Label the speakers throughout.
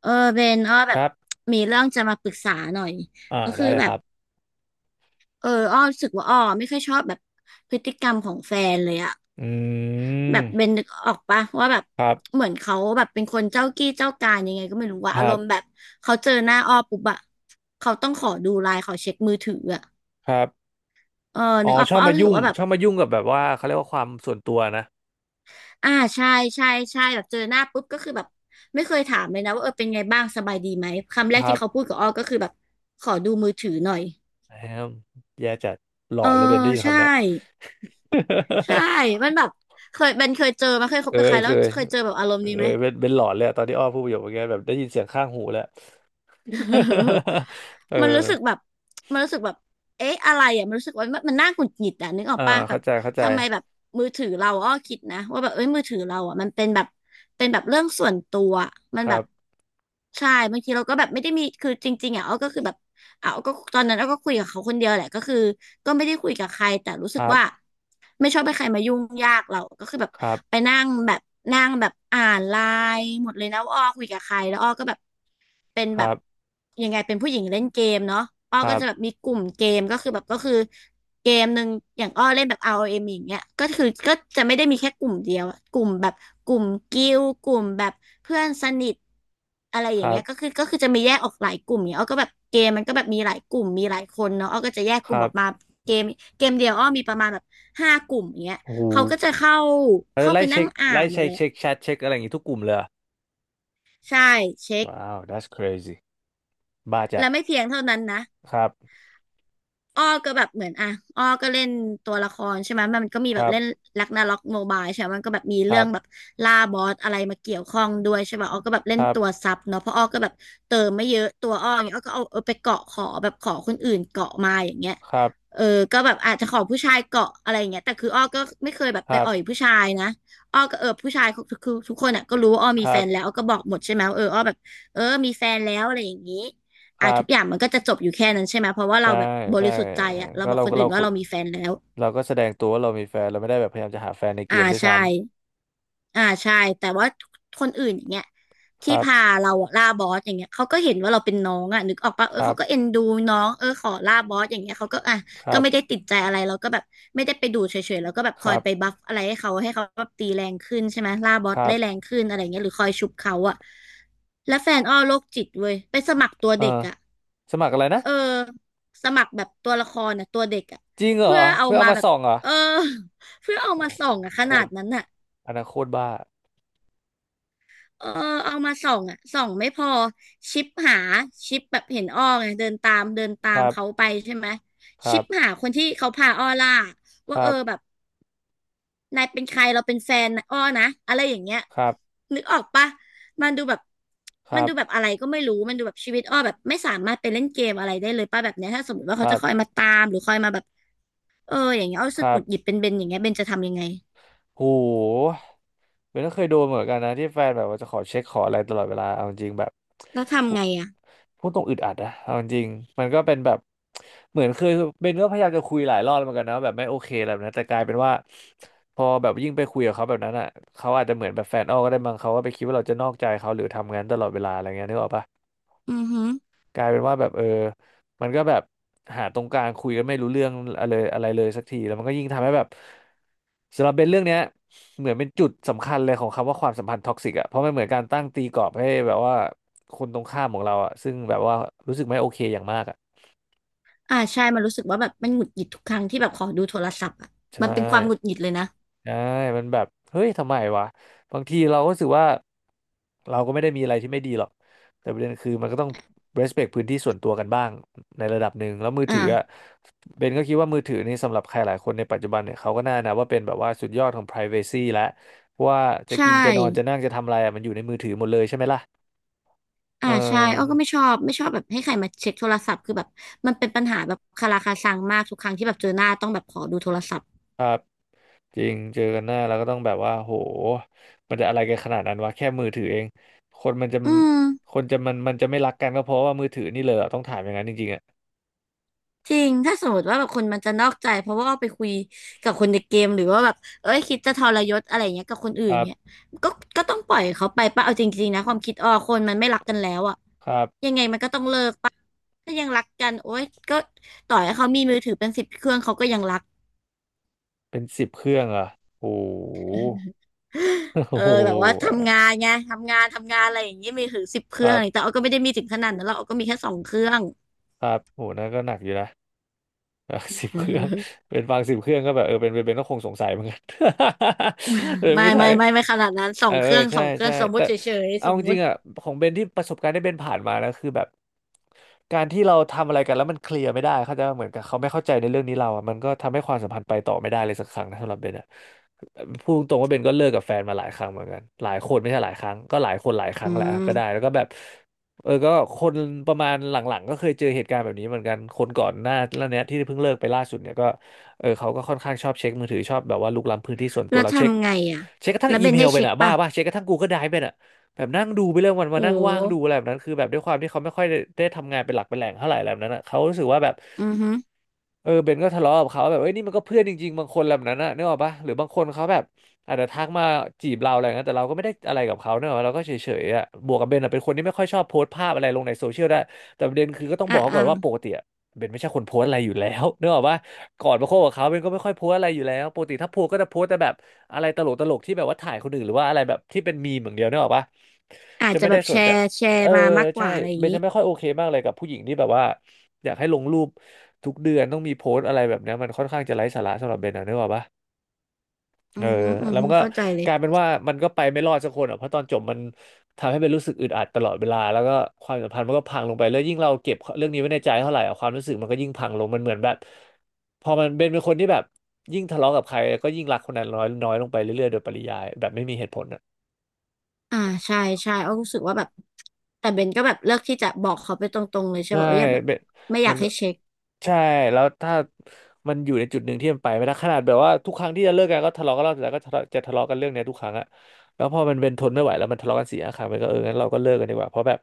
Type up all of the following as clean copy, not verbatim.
Speaker 1: เออเบนอ้อแบ
Speaker 2: ค
Speaker 1: บ
Speaker 2: รับ
Speaker 1: มีเรื่องจะมาปรึกษาหน่อย
Speaker 2: อ่า
Speaker 1: ก็
Speaker 2: ได้
Speaker 1: คือ
Speaker 2: เลย
Speaker 1: แบ
Speaker 2: ค
Speaker 1: บ
Speaker 2: รับ
Speaker 1: อ้อรู้สึกว่าอ้อไม่ค่อยชอบแบบพฤติกรรมของแฟนเลยอะ
Speaker 2: อื
Speaker 1: แบ
Speaker 2: ม
Speaker 1: บเบนนึกออกปะว่าแบบ
Speaker 2: ครับ
Speaker 1: เหมือนเขาแบบเป็นคนเจ้ากี้เจ้าการยังไงก็ไม่รู้ว่า
Speaker 2: ค
Speaker 1: อา
Speaker 2: รั
Speaker 1: รมณ์แบ
Speaker 2: บ
Speaker 1: บเขาเจอหน้าอ้อปุ๊บอะเขาต้องขอดูไลน์ขอเช็คมือถืออะ
Speaker 2: ครับ
Speaker 1: เออ
Speaker 2: อ๋อ
Speaker 1: นึกออก
Speaker 2: ชอบ
Speaker 1: ปะอ้อ
Speaker 2: มา
Speaker 1: รู้สึ
Speaker 2: ยุ่
Speaker 1: ก
Speaker 2: ง
Speaker 1: ว่าแบบ
Speaker 2: ชอบมายุ่งกับแบบว่าเขาเรียกว่าความส่วนตัวนะ
Speaker 1: อ่าใช่ใช่ใช่แบบเจอหน้าปุ๊บก็คือแบบไม่เคยถามเลยนะว่าเออเป็นไงบ้างสบายดีไหมคำแร
Speaker 2: ค
Speaker 1: ก
Speaker 2: รั
Speaker 1: ที่
Speaker 2: บ
Speaker 1: เขาพูดกับอ้อก็คือแบบขอดูมือถือหน่อย
Speaker 2: แฮมแย่จัดหลอ
Speaker 1: เออ
Speaker 2: นเลยเบนได้ยิน
Speaker 1: ใช่
Speaker 2: คำเนี้ย
Speaker 1: ใช่มันแบ บเคยเป็นเคยเจอมาเคยค
Speaker 2: เค
Speaker 1: บกับใค
Speaker 2: ย
Speaker 1: รแล้
Speaker 2: เค
Speaker 1: ว
Speaker 2: ย
Speaker 1: เคยเจอแบบอารมณ์นี้
Speaker 2: เอ
Speaker 1: ไหม
Speaker 2: อเป็นหลอนเลยอะตอนที่อ้อพูดประโยคเมื่อกี้แบบได้ยินเสียงข้างหูแล้ว เอ
Speaker 1: มันรู้
Speaker 2: อ
Speaker 1: สึกแบบมันรู้สึกแบบเอ๊ะอะไรอ่ะมันรู้สึกว่ามันน่าหงุดหงิดอ่ะนึกออก
Speaker 2: อ่า
Speaker 1: ป่ะแบ
Speaker 2: เข้า
Speaker 1: บ
Speaker 2: ใจเข้าใจ
Speaker 1: ทำไมแบบมือถือเราอ้อคิดนะว่าแบบเอ้ยมือถือเราอ่ะมันเป็นแบบเป็นแบบเรื่องส่วนตัวอะมั
Speaker 2: ค
Speaker 1: นแบ
Speaker 2: รั
Speaker 1: บ
Speaker 2: บ
Speaker 1: ใช่บางทีเราก็แบบไม่ได้มีคือจริงๆอ่ะอ้อก็คือแบบอ่ะอ้อก็ตอนนั้นอ้อก็คุยกับเขาคนเดียวแหละก็คือก็ไม่ได้คุยกับใครแต่รู้สึ
Speaker 2: ค
Speaker 1: ก
Speaker 2: รั
Speaker 1: ว่า
Speaker 2: บ
Speaker 1: ไม่ชอบให้ใครมายุ่งยากเราก็คือแบบ
Speaker 2: ครั
Speaker 1: ไป
Speaker 2: บ
Speaker 1: นั่งแบบนั่งแบบอ่านไลน์หมดเลยนะว่าอ้อคุยกับใครแล้วอ้อก็แบบเป็น
Speaker 2: ค
Speaker 1: แบ
Speaker 2: รั
Speaker 1: บ
Speaker 2: บ
Speaker 1: ยังไงเป็นผู้หญิงเล่นเกมเนาะอ้อ
Speaker 2: ค
Speaker 1: ก็
Speaker 2: รั
Speaker 1: จะแบบ
Speaker 2: บ
Speaker 1: มีกลุ่มเกมก็คือแบบก็คือ เกมหนึ่งอย่างอ้อเล่นแบบ ROM อเอ็มอย่างเงี้ยก็คือก็จะไม่ได้มีแค่กลุ่มเดียวอะกลุ่มแบบกลุ่มกิ้วกลุ่มแบบเพื่อนสนิทอะไรอ
Speaker 2: ค
Speaker 1: ย่าง
Speaker 2: รั
Speaker 1: เงี้
Speaker 2: บ
Speaker 1: ยก็คือจะมีแยกออกหลายกลุ่มเนี่ยอ้อก็แบบเกมมันก็แบบมีหลายกลุ่มมีหลายคนเนาะอ้อก็จะแยก
Speaker 2: ค
Speaker 1: กลุ่
Speaker 2: รั
Speaker 1: มออกมา
Speaker 2: บ
Speaker 1: เกมเกมเดียวอ้อมีประมาณแบบ5 กลุ่มอย่างเงี้ย
Speaker 2: โอ้โห
Speaker 1: เขาก็จะเข้า
Speaker 2: แล้ว
Speaker 1: เข้า
Speaker 2: ไล่
Speaker 1: ไปนั่
Speaker 2: เช็
Speaker 1: ง
Speaker 2: ค
Speaker 1: อ่า
Speaker 2: ไล่
Speaker 1: นหมด
Speaker 2: เช็ค
Speaker 1: เลย
Speaker 2: เช็คแชทเช็คอะไรอย่างงี้ทุกกลุ่มเลย
Speaker 1: ใช่เช็ค
Speaker 2: ว้าว that's crazy บ้าจัด
Speaker 1: และไม่เพียงเท่านั้นนะ
Speaker 2: ครับ
Speaker 1: อ้อก็แบบเหมือนอ่ะอ้อก็เล่นตัวละครใช่ไหมมันก็มี
Speaker 2: ค
Speaker 1: แบบ
Speaker 2: รับ
Speaker 1: เล่นลักนาล็อกโมบายใช่ไหมมันก็แบบมี
Speaker 2: ค
Speaker 1: เรื่
Speaker 2: รั
Speaker 1: องแบบ
Speaker 2: บ
Speaker 1: ล่าบอสอะไรมาเกี่ยวข้องด้วยใช่ป่ะอ้อก็แบบเล่
Speaker 2: ค
Speaker 1: น
Speaker 2: รั
Speaker 1: ตัว
Speaker 2: บ
Speaker 1: ซับเนาะเพราะอ้อก็แบบเติมไม่เยอะตัวอ้ออย่างเงี้ยอ้อก็เอาไปเกาะขอแบบขอคนอื่นเกาะมาอย่างเงี้ย
Speaker 2: ครับ
Speaker 1: เออก็แบบอาจจะขอผู้ชายเกาะอะไรอย่างเงี้ยแต่คืออ้อก็ไม่เคยแบบ
Speaker 2: ค
Speaker 1: ไป
Speaker 2: รั
Speaker 1: อ่อย
Speaker 2: บ
Speaker 1: ผู้ชายนะอ้อก็เออผู้ชายคือทุกคนอ่ะก็รู้ว่าอ้อ
Speaker 2: ค
Speaker 1: มี
Speaker 2: รั
Speaker 1: แฟนแล้ว
Speaker 2: บ
Speaker 1: อ้อก็บอกหมดใช่ไหมว่าเอออ้อแบบเออมีแฟนแล้วอะไรอย่างงี้
Speaker 2: ค
Speaker 1: อ่ะ
Speaker 2: รั
Speaker 1: ทุ
Speaker 2: บ
Speaker 1: กอย่างมันก็จะจบอยู่แค่นั้นใช่ไหมเพราะว่าเรา
Speaker 2: ใช่
Speaker 1: แบบบ
Speaker 2: ใช่
Speaker 1: ริสุทธิ์ใจ
Speaker 2: เออ
Speaker 1: อะเรา
Speaker 2: ก็
Speaker 1: บอก
Speaker 2: เรา
Speaker 1: คนอื่
Speaker 2: เรา
Speaker 1: นว่าเรามีแฟนแล้ว
Speaker 2: เราก็แสดงตัวว่าเรามีแฟน เราไม่ได้แบบพยายามจะหาแฟนในเก
Speaker 1: อ่า
Speaker 2: มด้วย
Speaker 1: ใช่
Speaker 2: ซ้
Speaker 1: อ่าใช่แต่ว่าคนอื่นอย่างเงี้ย
Speaker 2: ำค
Speaker 1: ที่
Speaker 2: รับ
Speaker 1: พาเราอะล่าบอสอย่างเงี้ยเขาก็เห็นว่าเราเป็นน้องอะนึกออกปะ
Speaker 2: ค
Speaker 1: เออ
Speaker 2: รั
Speaker 1: เขา
Speaker 2: บ
Speaker 1: ก็เอ็นดูน้องเออขอล่าบอสอย่างเงี้ยเขาก็อ่ะ
Speaker 2: ค
Speaker 1: ก็
Speaker 2: รับ
Speaker 1: ไม่ได้ติดใจอะไรเราก็แบบไม่ได้ไปดูเฉยๆแล้วก็แบบ
Speaker 2: ค
Speaker 1: คอ
Speaker 2: รั
Speaker 1: ย
Speaker 2: บ
Speaker 1: ไปบัฟอะไรให้เขาให้เขาแบบตีแรงขึ้นใช่ไหมล่าบอ
Speaker 2: ค
Speaker 1: ส
Speaker 2: รั
Speaker 1: ได้
Speaker 2: บ
Speaker 1: แรงขึ้นอะไรเงี้ยหรือคอยชุบเขาอะแล้วแฟนอ้อโรคจิตเว้ยไปสมัครตัว
Speaker 2: เอ
Speaker 1: เด็ก
Speaker 2: อ
Speaker 1: อะ
Speaker 2: สมัครอะไรนะ
Speaker 1: เออสมัครแบบตัวละครน่ะตัวเด็กอ่ะ
Speaker 2: จริงเหรอ
Speaker 1: เพื่อเอา
Speaker 2: เพื่อเอา
Speaker 1: มา
Speaker 2: มา
Speaker 1: แบบ
Speaker 2: ส่องเหรอ
Speaker 1: เออ เพื่อเอามาส่องอ่ะข
Speaker 2: โค
Speaker 1: นา
Speaker 2: ต
Speaker 1: ด
Speaker 2: ร
Speaker 1: นั้นน่ะ
Speaker 2: อันนั้นโคตรบ้า
Speaker 1: เออเอามาส่องอ่ะส่องไม่พอชิปหาชิปแบบเห็นอ้อไงเดินตามเดินตา
Speaker 2: ค
Speaker 1: ม
Speaker 2: รั
Speaker 1: เขา
Speaker 2: บ
Speaker 1: ไปใช่ไหม
Speaker 2: ค
Speaker 1: ชิ
Speaker 2: รั
Speaker 1: ป
Speaker 2: บ
Speaker 1: หาคนที่เขาพาอ้อล่า
Speaker 2: ค
Speaker 1: ว่า
Speaker 2: รั
Speaker 1: เออ
Speaker 2: บ
Speaker 1: แบบนายเป็นใครเราเป็นแฟนนะอ้อนะอะไรอย่างเงี้ย
Speaker 2: ครับ
Speaker 1: นึกออกปะมันดูแบบ
Speaker 2: ค
Speaker 1: มัน
Speaker 2: รับ
Speaker 1: ดูแบบอะไรก็ไม่รู้มันดูแบบชีวิตอ้อแบบไม่สามารถไปเล่นเกมอะไรได้เลยป่ะแบบเนี้ยถ้าสมมติว่า
Speaker 2: ค
Speaker 1: เขา
Speaker 2: รั
Speaker 1: จะ
Speaker 2: บ
Speaker 1: คอยมาตามหรือคอยมาแบบ เอออย่างเงี้ยเอารู้
Speaker 2: ค
Speaker 1: สึก
Speaker 2: รั
Speaker 1: ห
Speaker 2: บ
Speaker 1: งุดหงิดเป็นเบนอย่างเงี้ยเบนจะทำยังไง
Speaker 2: โหเบนก็เคยโดนเหมือนกันนะที่แฟนแบบว่าจะขอเช็คขออะไรตลอดเวลาเอาจริงแบบ
Speaker 1: แล้ว
Speaker 2: พู
Speaker 1: ทำไงอ่ะ
Speaker 2: พูดตรงอึดอัดนะเอาจริงมันก็เป็นแบบเหมือนเคยเบนก็พยายามจะคุยหลายรอบเหมือนกันนะว่าแบบไม่โอเคอะไรแบบนั้นแต่กลายเป็นว่าพอแบบยิ่งไปคุยกับเขาแบบนั้นอ่ะเขาอาจจะเหมือนแบบแฟนอ้อก็ได้มั้งเขาก็ไปคิดว่าเราจะนอกใจเขาหรือทำงานตลอดเวลาอะไรเงี้ยนึกออกปะ
Speaker 1: อือหึอ
Speaker 2: กลายเป็นว่าแบบเออมันก็แบบหาตรงกลางคุยกันไม่รู้เรื่องอะไรอะไรเลยสักทีแล้วมันก็ยิ่งทำให้แบบสำหรับเบนเรื่องเนี้ยเหมือนเป็นจุดสำคัญเลยของคำว่าความสัมพันธ์ท็อกซิกอ่ะเพราะมันเหมือนการตั้งตีกรอบให้แบบว่าคนตรงข้ามของเราอ่ะซึ่งแบบว่ารู้สึกไม่โอเคอย่างมากอ่ะ
Speaker 1: อ่าใช่มันรู้สึกว่าแบบมันหงุดหงิดทุกครั้งที่แบบขอดูโทรศัพท์อ่ะ
Speaker 2: ใช่
Speaker 1: มันเป็นความหงุดหงิดเลยนะ
Speaker 2: ใช่มันแบบเฮ้ยทำไมวะ บางทีเราก็รู้สึกว่าเราก็ไม่ได้มีอะไรที่ไม่ดีหรอก แต่ประเด็นคือมันก็ต้อง respect พื้นที่ส่วนตัวกันบ้างในระดับหนึ่งแล้วมือถืออ่ะ
Speaker 1: อ่า
Speaker 2: เบนก็คิดว่ามือถือนี่สำหรับใครหลายคนในปัจจุบันเนี่ยเขาก็น่านะว่าเป็นแบบว่าสุดยอดของ privacy แล้วเพราะว่าจะ
Speaker 1: ใช
Speaker 2: กินจะนอนจะ
Speaker 1: ่
Speaker 2: นั่งจะทำอะไรอะมันอยู่ในมือถือหมดเลยใช่ไหมล่ะเอ
Speaker 1: อ่าใช่อ้อก็ไม่
Speaker 2: อ
Speaker 1: ชอบไม่ชอบแบบให้ใครมาเช็คโทรศัพท์คือแบบมันเป็นปัญหาแบบคาราคาซังมากทุกครั้งที่แบบเจอหน้าต้องแบบขอดูโทรศัพท์
Speaker 2: จริงเจอกันหน้าแล้วก็ต้องแบบว่าโหมันจะอะไรกันขนาดนั้นวะแค่มือถือเองคนมันจะ
Speaker 1: อืม
Speaker 2: คนจะมันมันจะไม่รักกันก็เพราะว่ามือถือนี่เลยเหรอต้องถามอย่างนั้นจริงๆอ่ะ
Speaker 1: จริงถ้าสมมติว่าแบบคนมันจะนอกใจเพราะว่าไปคุยกับคนในเกมหรือว่าแบบเอ้ยคิดจะทรยศอะไรเงี้ยกับคนอื่
Speaker 2: ค
Speaker 1: น
Speaker 2: รับ
Speaker 1: เงี้ยก็ก็ต้องปล่อยเขาไปป่ะเอาจริงๆนะความคิดอ้อคนมันไม่รักกันแล้วอะ
Speaker 2: ครับ
Speaker 1: ยังไงมันก็ต้องเลิกป่ะถ้ายังรักกันโอ๊ยก็ต่อให้เขามีมือถือเป็นสิบเครื่องเขาก็ยังรัก
Speaker 2: เป็นสิบเครื่องเหรอ่ะโห
Speaker 1: เอ
Speaker 2: โอ้
Speaker 1: อ
Speaker 2: โห
Speaker 1: แบบว่าทำงานไงทำงานอะไรอย่างเงี้ยมือถือสิบเค
Speaker 2: ค
Speaker 1: รื่อง
Speaker 2: รั
Speaker 1: อะไร
Speaker 2: บ
Speaker 1: แต่อ้อก็ไม่ได้มีถึงขนาดนั้นหรอกอ้อก็มีแค่สองเครื่อง
Speaker 2: ครับโหนั่นก็หนักอยู่นะ สิบเครื่อง เป็นฟังสิบเครื่องก็แบบเออเป็นก็คงสงสัยเหมือนกัน เป็น
Speaker 1: ไม่
Speaker 2: ผู้ชา
Speaker 1: ไม่
Speaker 2: ย
Speaker 1: ไม่ไม่ขนาดนั้นสอ
Speaker 2: เออ
Speaker 1: งเค
Speaker 2: เออ
Speaker 1: รื่องส
Speaker 2: ใช่
Speaker 1: องเครื่อ
Speaker 2: ใช่
Speaker 1: งสมมุ
Speaker 2: แต่
Speaker 1: ติเฉยๆ
Speaker 2: เอา
Speaker 1: สม
Speaker 2: จ
Speaker 1: มุ
Speaker 2: ริง
Speaker 1: ติ
Speaker 2: ๆอ่ะของเบนที่ประสบการณ์ที่เบนผ่านมานะคือแบบการที่เราทำอะไรกันแล้วมันเคลียร์ไม่ได้เขาใจปะเหมือนกับเขาไม่เข้าใจในเรื่องนี้เราอ่ะมันก็ทำให้ความสัมพันธ์ไปต่อไม่ได้เลยสักครั้งนะสำหรับเบนอ่ะพูดตรงๆว่าเบนก็เลิกกับแฟนมาหลายครั้งเหมือนกันหลายคนไม่ใช่หลายครั้งก็หลายคนหลายครั้
Speaker 1: อื
Speaker 2: งแหละก็ได้
Speaker 1: ม
Speaker 2: แล้วก็แบบ เออก็คนประมาณหลังๆก็เคยเจอเหตุการณ์แบบนี้เหมือนกันคนก่อนหน้าแล้วเนี้ยที่เพิ่งเลิกไปล่าสุดเนี่ยก็เออเขาก็ค่อนข้างชอบเช็คมือถือชอบแบบว่าลุกล้ำพื้นที่ส่วนตั
Speaker 1: แล้
Speaker 2: ว
Speaker 1: ว
Speaker 2: เราเช็ค
Speaker 1: ทำไงอ่ะ
Speaker 2: กระทั่ง
Speaker 1: แล้ว
Speaker 2: อี
Speaker 1: เบน
Speaker 2: เมล
Speaker 1: ให้
Speaker 2: ไป
Speaker 1: เช็ค
Speaker 2: น่ะบ้า
Speaker 1: ป่ะ
Speaker 2: ป่ะเช็คกระทั่ง Google Drive ไปน่ะแบบนั่งดูไปเรื่องวัน
Speaker 1: โอ
Speaker 2: มานั่งว่างดูอะ
Speaker 1: ้
Speaker 2: ไรแบบนั้นคือแบบด้วยความที่เขาไม่ค่อยได้ทำงานเป็นหลักเป็นแหล่งเท่าไหร่อะไรแบบนั้นอ่ะเขารู้สึกว่าแบบ
Speaker 1: อือฮึ
Speaker 2: เออเบนก็ทะเลาะกับเขาแบบเอ้ยนี่มันก็เพื่อนจริงๆบางคนแบบนั้นน่ะนึกออกปะหรือบางคนเขาแบบ อาจจะทักมาจีบเราอะไรอย่างเงี้ยแต่เราก็ไม่ได้อะไรกับเขาเนอะเราก็เฉยๆอ่ะบวกกับเบนอะเป็นคนที่ไม่ค่อยชอบโพสต์ภาพอะไรลงในโซเชียลได้แต่ประเด็นคือก็ต้องบ
Speaker 1: อ่ะ
Speaker 2: อกเขา
Speaker 1: อ่ะ
Speaker 2: ก่อนว่าปกติอะเบนไม่ใช่คนโพสต์อะไรอยู่แล้ว เนกอะว่าก่อนมาคบกับเขาเบนก็ไม่ค่อยโพสต์อะไรอยู่แล้วปกติถ้าโพสต์ก็จะโพสต์แต่แบบอะไรตลกตลกที่แบบว่าถ่ายคนอื่นหรือว่าอะไรแบบที่เป็นมีมอย่างเดียวเนกอะปะ
Speaker 1: อาจ
Speaker 2: จะ
Speaker 1: จะ
Speaker 2: ไม่
Speaker 1: แบ
Speaker 2: ได้
Speaker 1: บ
Speaker 2: ส
Speaker 1: แช
Speaker 2: นใจ
Speaker 1: ร์แช
Speaker 2: เอ
Speaker 1: ร์
Speaker 2: อ
Speaker 1: มามากก
Speaker 2: ใช่
Speaker 1: ว่าอะไรอย่า
Speaker 2: เบ
Speaker 1: ง
Speaker 2: น
Speaker 1: นี้
Speaker 2: จะไม่ค่อยโอเคมากเลยกับผู้หญิงที่แบบว่าอยากให้ลงรูปทุกเดือนต้องมีโพสต์อะไรแบบเนี้ยมันค่อนข้างจะไร้สาระสำหรับเบนนะเนกอะปะ
Speaker 1: อื
Speaker 2: เออ
Speaker 1: อฮึอือ
Speaker 2: แล้ว
Speaker 1: ฮึ
Speaker 2: มันก็
Speaker 1: เข้าใจเล
Speaker 2: ก
Speaker 1: ย
Speaker 2: ลายเป็นว่ามันก็ไปไม่รอดสักคนอ่ะเพราะตอนจบมันทำให้เป็นรู้สึกอึดอัดตลอดเวลาแล้วก็ความสัมพันธ์มันก็พังลงไปแล้วยิ่งเราเก็บเรื่องนี้ไว้ในใจเท่าไหร่อะความรู้สึกมันก็ยิ่งพังลงมันเหมือนแบบพอมันเป็นคนที่แบบยิ่งทะเลาะกับใครก็ยิ่งรักคนนั้นน้อยน้อยลงไปเรื่อยๆโดยปริยายแบบไม่มีเหตุผล
Speaker 1: อ่าใช่ใช่อ้อรู้สึกว่าแบบ แต่เบนก็แบบเลือกที่จะบอกเขาไปตรงๆเลยใช่
Speaker 2: ใช่
Speaker 1: ป่ะเอออย่าแบบ
Speaker 2: เป็น
Speaker 1: ไม่อ
Speaker 2: เป็
Speaker 1: ยา
Speaker 2: น
Speaker 1: ก
Speaker 2: ก็
Speaker 1: ให้เช็ค
Speaker 2: ใช่แล้วถ้ามันอยู่ในจุดหนึ่งที่มันไปไม่ได้ขนาดแบบว่าทุกครั้งที่จะเลิกกันก็ทะเลาะกันรอบแล้วก็ทะเลาะจะทะเลาะกันเรื่องเนี้ยทุกครั้งอะแล้วพอมันเป็นทนไม่ไหวแล้วมันทะเลาะกันสี่ห้าครั้งมันก็เอองั้นเราก็เลิกกันดีกว่าเพราะแบบ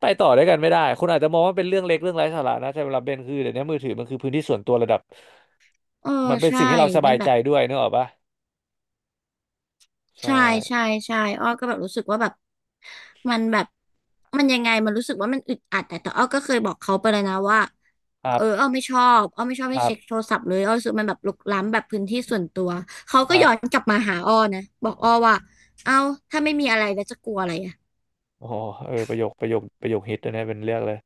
Speaker 2: ไปต่อด้วยกันไม่ได้คุณอาจจะมองว่าเป็นเรื่องเล็กเรื่องไร้สาระนะแต่สำหรับเบนคือเดี๋ยวนี้มือถือมันคือพื้นที่ส่วนตัวระดับ
Speaker 1: เออ
Speaker 2: มันเป็น
Speaker 1: ใช่
Speaker 2: สิ่งให้เราส
Speaker 1: เป็
Speaker 2: บา
Speaker 1: น
Speaker 2: ย
Speaker 1: แบ
Speaker 2: ใจ
Speaker 1: บ
Speaker 2: ด้วยนึกออกปะใช่
Speaker 1: ใช่ใช่ใช่อ้อก็แบบรู้สึกว่าแบบมันแบบมันยังไงมันรู้สึกว่ามันอึดอัดแต่อ้อก็เคยบอกเขาไปเลยนะว่า
Speaker 2: ครั
Speaker 1: เออ
Speaker 2: บ
Speaker 1: อ้อไม่ชอบอ้อไม่ชอบ
Speaker 2: ค
Speaker 1: ให้
Speaker 2: รั
Speaker 1: เช็คโท
Speaker 2: บ
Speaker 1: รศัพท์เลยอ้อรู้สึกมันแบบรุกล้ำแบบพื้นที่ส่วนตัวเขา
Speaker 2: ค
Speaker 1: ก็
Speaker 2: รั
Speaker 1: ย้อน
Speaker 2: บ
Speaker 1: กลับมาหาอ้อนะบอกอ้อว่าเอ้าถ้าไม่มีอะไรแล้วจะกลัวอะไรอะ
Speaker 2: โอ้โหเออประโยคประโยคฮิตเลยนะเป็นเรื่องเลย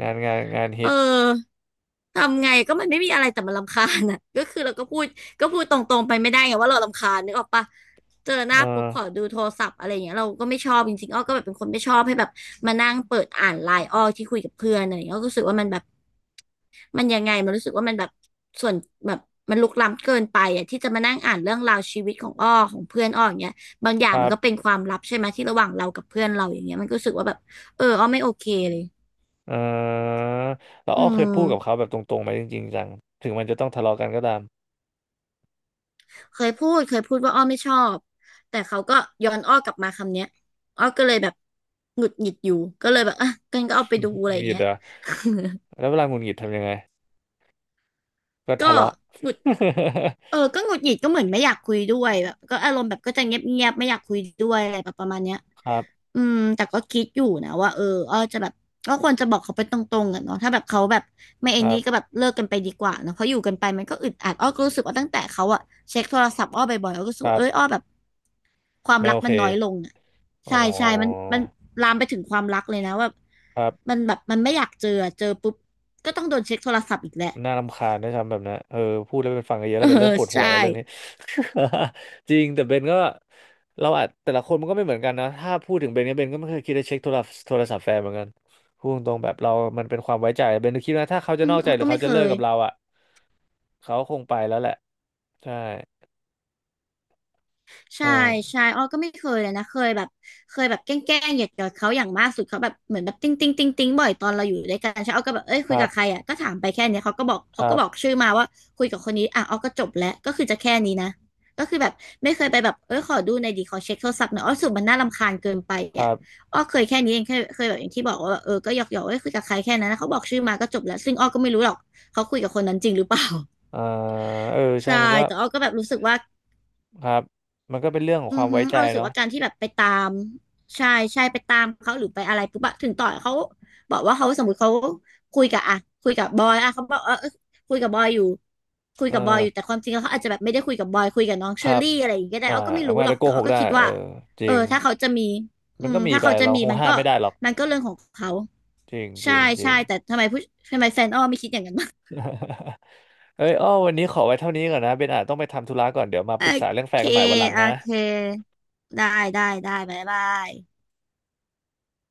Speaker 2: งานงานฮิ
Speaker 1: เอ
Speaker 2: ต
Speaker 1: อทำไงก็มันไม่มีอะไรแต่มันรำคาญอ่ะ ก็คือเราก็พูดตรงๆไปไม่ได้ไงว่าเรารำคาญนึกออกปะเจอห
Speaker 2: เอ
Speaker 1: น้า
Speaker 2: อ
Speaker 1: ปุ๊บขอดูโทรศัพท์อะไรอย่างเงี้ยเราก็ไม่ชอบจริงๆอ้อก็แบบเป็นคนไม่ชอบให้แบบมานั่งเปิดอ่านไลน์อ้อที่คุยกับเพื่อนอะไรอย่างเงี้ยอ้อก็รู้สึกว่ามันแบบมันยังไงมันรู้สึกว่ามันแบบส่วนแบบมันลุกล้ำเกินไปอ่ะที่จะมานั่งอ่านเรื่องราวชีวิตของอ้อของเพื่อนอ้ออย่างเงี้ยบางอย่า
Speaker 2: ค
Speaker 1: ง
Speaker 2: รั
Speaker 1: มันก็เป็
Speaker 2: บ
Speaker 1: นความลับใช่ไหมที่ระหว่างเรากับเพื่อนเราอย่างเงี้ยมันก็รู้สึกว่าแบบเอออ้อไม่โอเคเลย
Speaker 2: อ่าแล้ว
Speaker 1: อื
Speaker 2: อ้อเคยพูดกับเขา
Speaker 1: ม
Speaker 2: แบบตรงๆไหมจริงๆจังถึงมันจะต้องทะเลาะกันก็ตาม
Speaker 1: เคยพูดว่าอ้อไม่ชอบแต่เขาก็ย้อนอ้อกลับมาคำเนี้ยอ้อก็เลยแบบหงุดหงิดอยู่ก็เลยแบบอ่ะกันก็เอาไปดู
Speaker 2: หงุด
Speaker 1: อะ
Speaker 2: ห
Speaker 1: ไรอย่าง
Speaker 2: งิด
Speaker 1: เงี้ย
Speaker 2: เหรอ แล้วเวลาหงุดหงิดทำยังไง ก็
Speaker 1: ก็
Speaker 2: ทะเลาะ
Speaker 1: หงุดเออก็หงุดหงิดก็เหมือนไม่อยากคุยด้วยแบบก็อารมณ์แบบก็จะเงียบไม่อยากคุยด้วยอะไรแบบประมาณเนี้ย
Speaker 2: ครับ
Speaker 1: อืมแต่ก็คิดอยู่นะว่าเอออ้อจะแบบก็ควรจะบอกเขาไปตรงๆอะเนาะถ้าแบบเขาแบบไม่
Speaker 2: ค
Speaker 1: ไอ้
Speaker 2: รั
Speaker 1: นี่ก็แบ
Speaker 2: บ
Speaker 1: บเลิกกันไปดีกว่าเนาะเพราะอยู่กันไปมันก็อึดอัดอ้อก็รู้สึกว่าตั้งแต่เขาอะเช็คโทรศัพท์อ้อบ่อยๆอ้อก็รู้สึ
Speaker 2: ค
Speaker 1: ก
Speaker 2: รั
Speaker 1: ว่าเอ้ย
Speaker 2: บ
Speaker 1: อ้อแบบ ความ
Speaker 2: ไม่
Speaker 1: รัก
Speaker 2: โอ
Speaker 1: มั
Speaker 2: เค
Speaker 1: นน้อยลงอ่ะ
Speaker 2: อ๋อ
Speaker 1: ใช่ใช่มันลามไปถึงความรักเลยนะว่า
Speaker 2: ครับ
Speaker 1: มันแบบมันไม่อยากเจออะเจอปุ๊บก็ต้องโดนเช็คโทรศัพท์อีกแหละ
Speaker 2: น่ารำคาญนะทำแบบนั้นเออพูดแล้วเป็นฟังกันเยอะ
Speaker 1: เอ
Speaker 2: แล้
Speaker 1: อ
Speaker 2: วเป็นเริ่มปวดหัว
Speaker 1: ใช่
Speaker 2: แล้วเรื่องนี้ จริงแต่เบนก็เราอาจแต่ละคนมันก็ไม่เหมือนกันนะถ้าพูดถึงเบนเนี่ยเบนก็ไม่เคยคิดจะเช็คโทรศัพท์แฟนเหมือนกันพูดตรงๆแบบเรามันเป็นความไว้ใจเบน็คิดว่าถ้าเขาจะ
Speaker 1: อื
Speaker 2: น
Speaker 1: ม
Speaker 2: อกใจ
Speaker 1: แล้ว
Speaker 2: หรือ
Speaker 1: ก็ไม่
Speaker 2: เขา
Speaker 1: เค
Speaker 2: จะเลิก
Speaker 1: ย
Speaker 2: กับเราอ่ะ เขาคงไปแล้วแหละใช่เออ
Speaker 1: ใช่ใช่อ้อก็ไม่เคยเลยนะเคยแบบเคยแบบแกล้งๆเหยียดกับเขาอย่างมากสุดเขาแบบเหมือนแบบติ้งติ้งบ่อยตอนเราอยู่ด้วยกันใช่อ้อก็แบบเอ้ย
Speaker 2: ค
Speaker 1: คุย
Speaker 2: รั
Speaker 1: กั
Speaker 2: บ
Speaker 1: บใครอ่ะก็ถามไปแค่เนี้ยเขาก็บอก
Speaker 2: ค
Speaker 1: เขา
Speaker 2: รั
Speaker 1: ก็
Speaker 2: บ
Speaker 1: บอกชื่อมาว่าคุยกับคนนี้อ่ะอ้อก็จบแล้วก็คือจะแค่นี้นะก็คือแบบไม่เคยไปแบบเอ้ยขอดูในอยดีขอเช็คโทรศัพท์หน่อยอ้อรู้สึกมันน่ารำคาญเกินไป
Speaker 2: ครั
Speaker 1: อ่ะ
Speaker 2: บ
Speaker 1: อ้อเคยแค่นี้เองเคยแบบอย่างที่บอกว่าแบบเออก็หยอกเอ้ยคุยกับใครแค่นั้นนะเขาบอกชื่อมาก็จบแล้วซึ่งอ้อก็ไม่รู้หรอกเขาคุยกับคนนั้นจริงหรือเปล่า
Speaker 2: เออเออใช่
Speaker 1: ใช่
Speaker 2: มันก็
Speaker 1: แต่อ้อก็แบบรู้สึกว่า
Speaker 2: ครับมันก็เป็นเรื่องของ
Speaker 1: อื
Speaker 2: ควา
Speaker 1: อ
Speaker 2: ม
Speaker 1: ฮึ
Speaker 2: ไว้ใจ
Speaker 1: เอารู้สึก
Speaker 2: เนาะ
Speaker 1: ว่าการที่แบบไปตามใช่ใช่ไปตามเขาหรือไปอะไรปุ๊บอะถึงต่อเขาบอกว่าเขาสมมติเขาคุยกับอะคุยกับบอยอะเขาบอกเออเออคุยกับบอยอยู่คุย
Speaker 2: เอ
Speaker 1: กับบอย
Speaker 2: อ
Speaker 1: อยู่แต่ความจริงแล้วเขาอาจจะแบบไม่ได้คุยกับบอยคุยกับน้องเช
Speaker 2: ค
Speaker 1: อ
Speaker 2: รับ
Speaker 1: รี่อะไรอย่างเงี้ยก็ได้
Speaker 2: อ่า
Speaker 1: อ้อก็ไม่
Speaker 2: มั
Speaker 1: รู้
Speaker 2: นอา
Speaker 1: หร
Speaker 2: จ
Speaker 1: อก
Speaker 2: จะโก
Speaker 1: แต่
Speaker 2: ห
Speaker 1: อ้อ
Speaker 2: ก
Speaker 1: ก็
Speaker 2: ได้
Speaker 1: คิด
Speaker 2: เอ
Speaker 1: ว่า
Speaker 2: อจ
Speaker 1: เอ
Speaker 2: ริง
Speaker 1: อถ้าเขาจะมีอื
Speaker 2: มันก็
Speaker 1: ม
Speaker 2: มี
Speaker 1: ถ้า
Speaker 2: ไป
Speaker 1: เขาจะ
Speaker 2: เรา
Speaker 1: มี
Speaker 2: คง
Speaker 1: มัน
Speaker 2: ห้าม
Speaker 1: ก็
Speaker 2: ไม่ได้หรอก
Speaker 1: มันก็เรื่องของเขา
Speaker 2: จริงจ
Speaker 1: ใช่
Speaker 2: ริงจริ
Speaker 1: ใช่
Speaker 2: ง
Speaker 1: แต่ทำไมผู้ทำไมแฟนอ้อไม่คิดอย่างนั้น บ้าง
Speaker 2: เอ้ยอ้อวันนี้ขอไว้เท่านี้ก่อนนะเบนอาจต้องไปทำธุระก่อนเดี๋ยวมา
Speaker 1: โอ
Speaker 2: ปรึกษาเรื่องแฟ
Speaker 1: เค
Speaker 2: นกันใหม่วันหลัง
Speaker 1: โอ
Speaker 2: นะ
Speaker 1: เคได้ได้บ๊ายบาย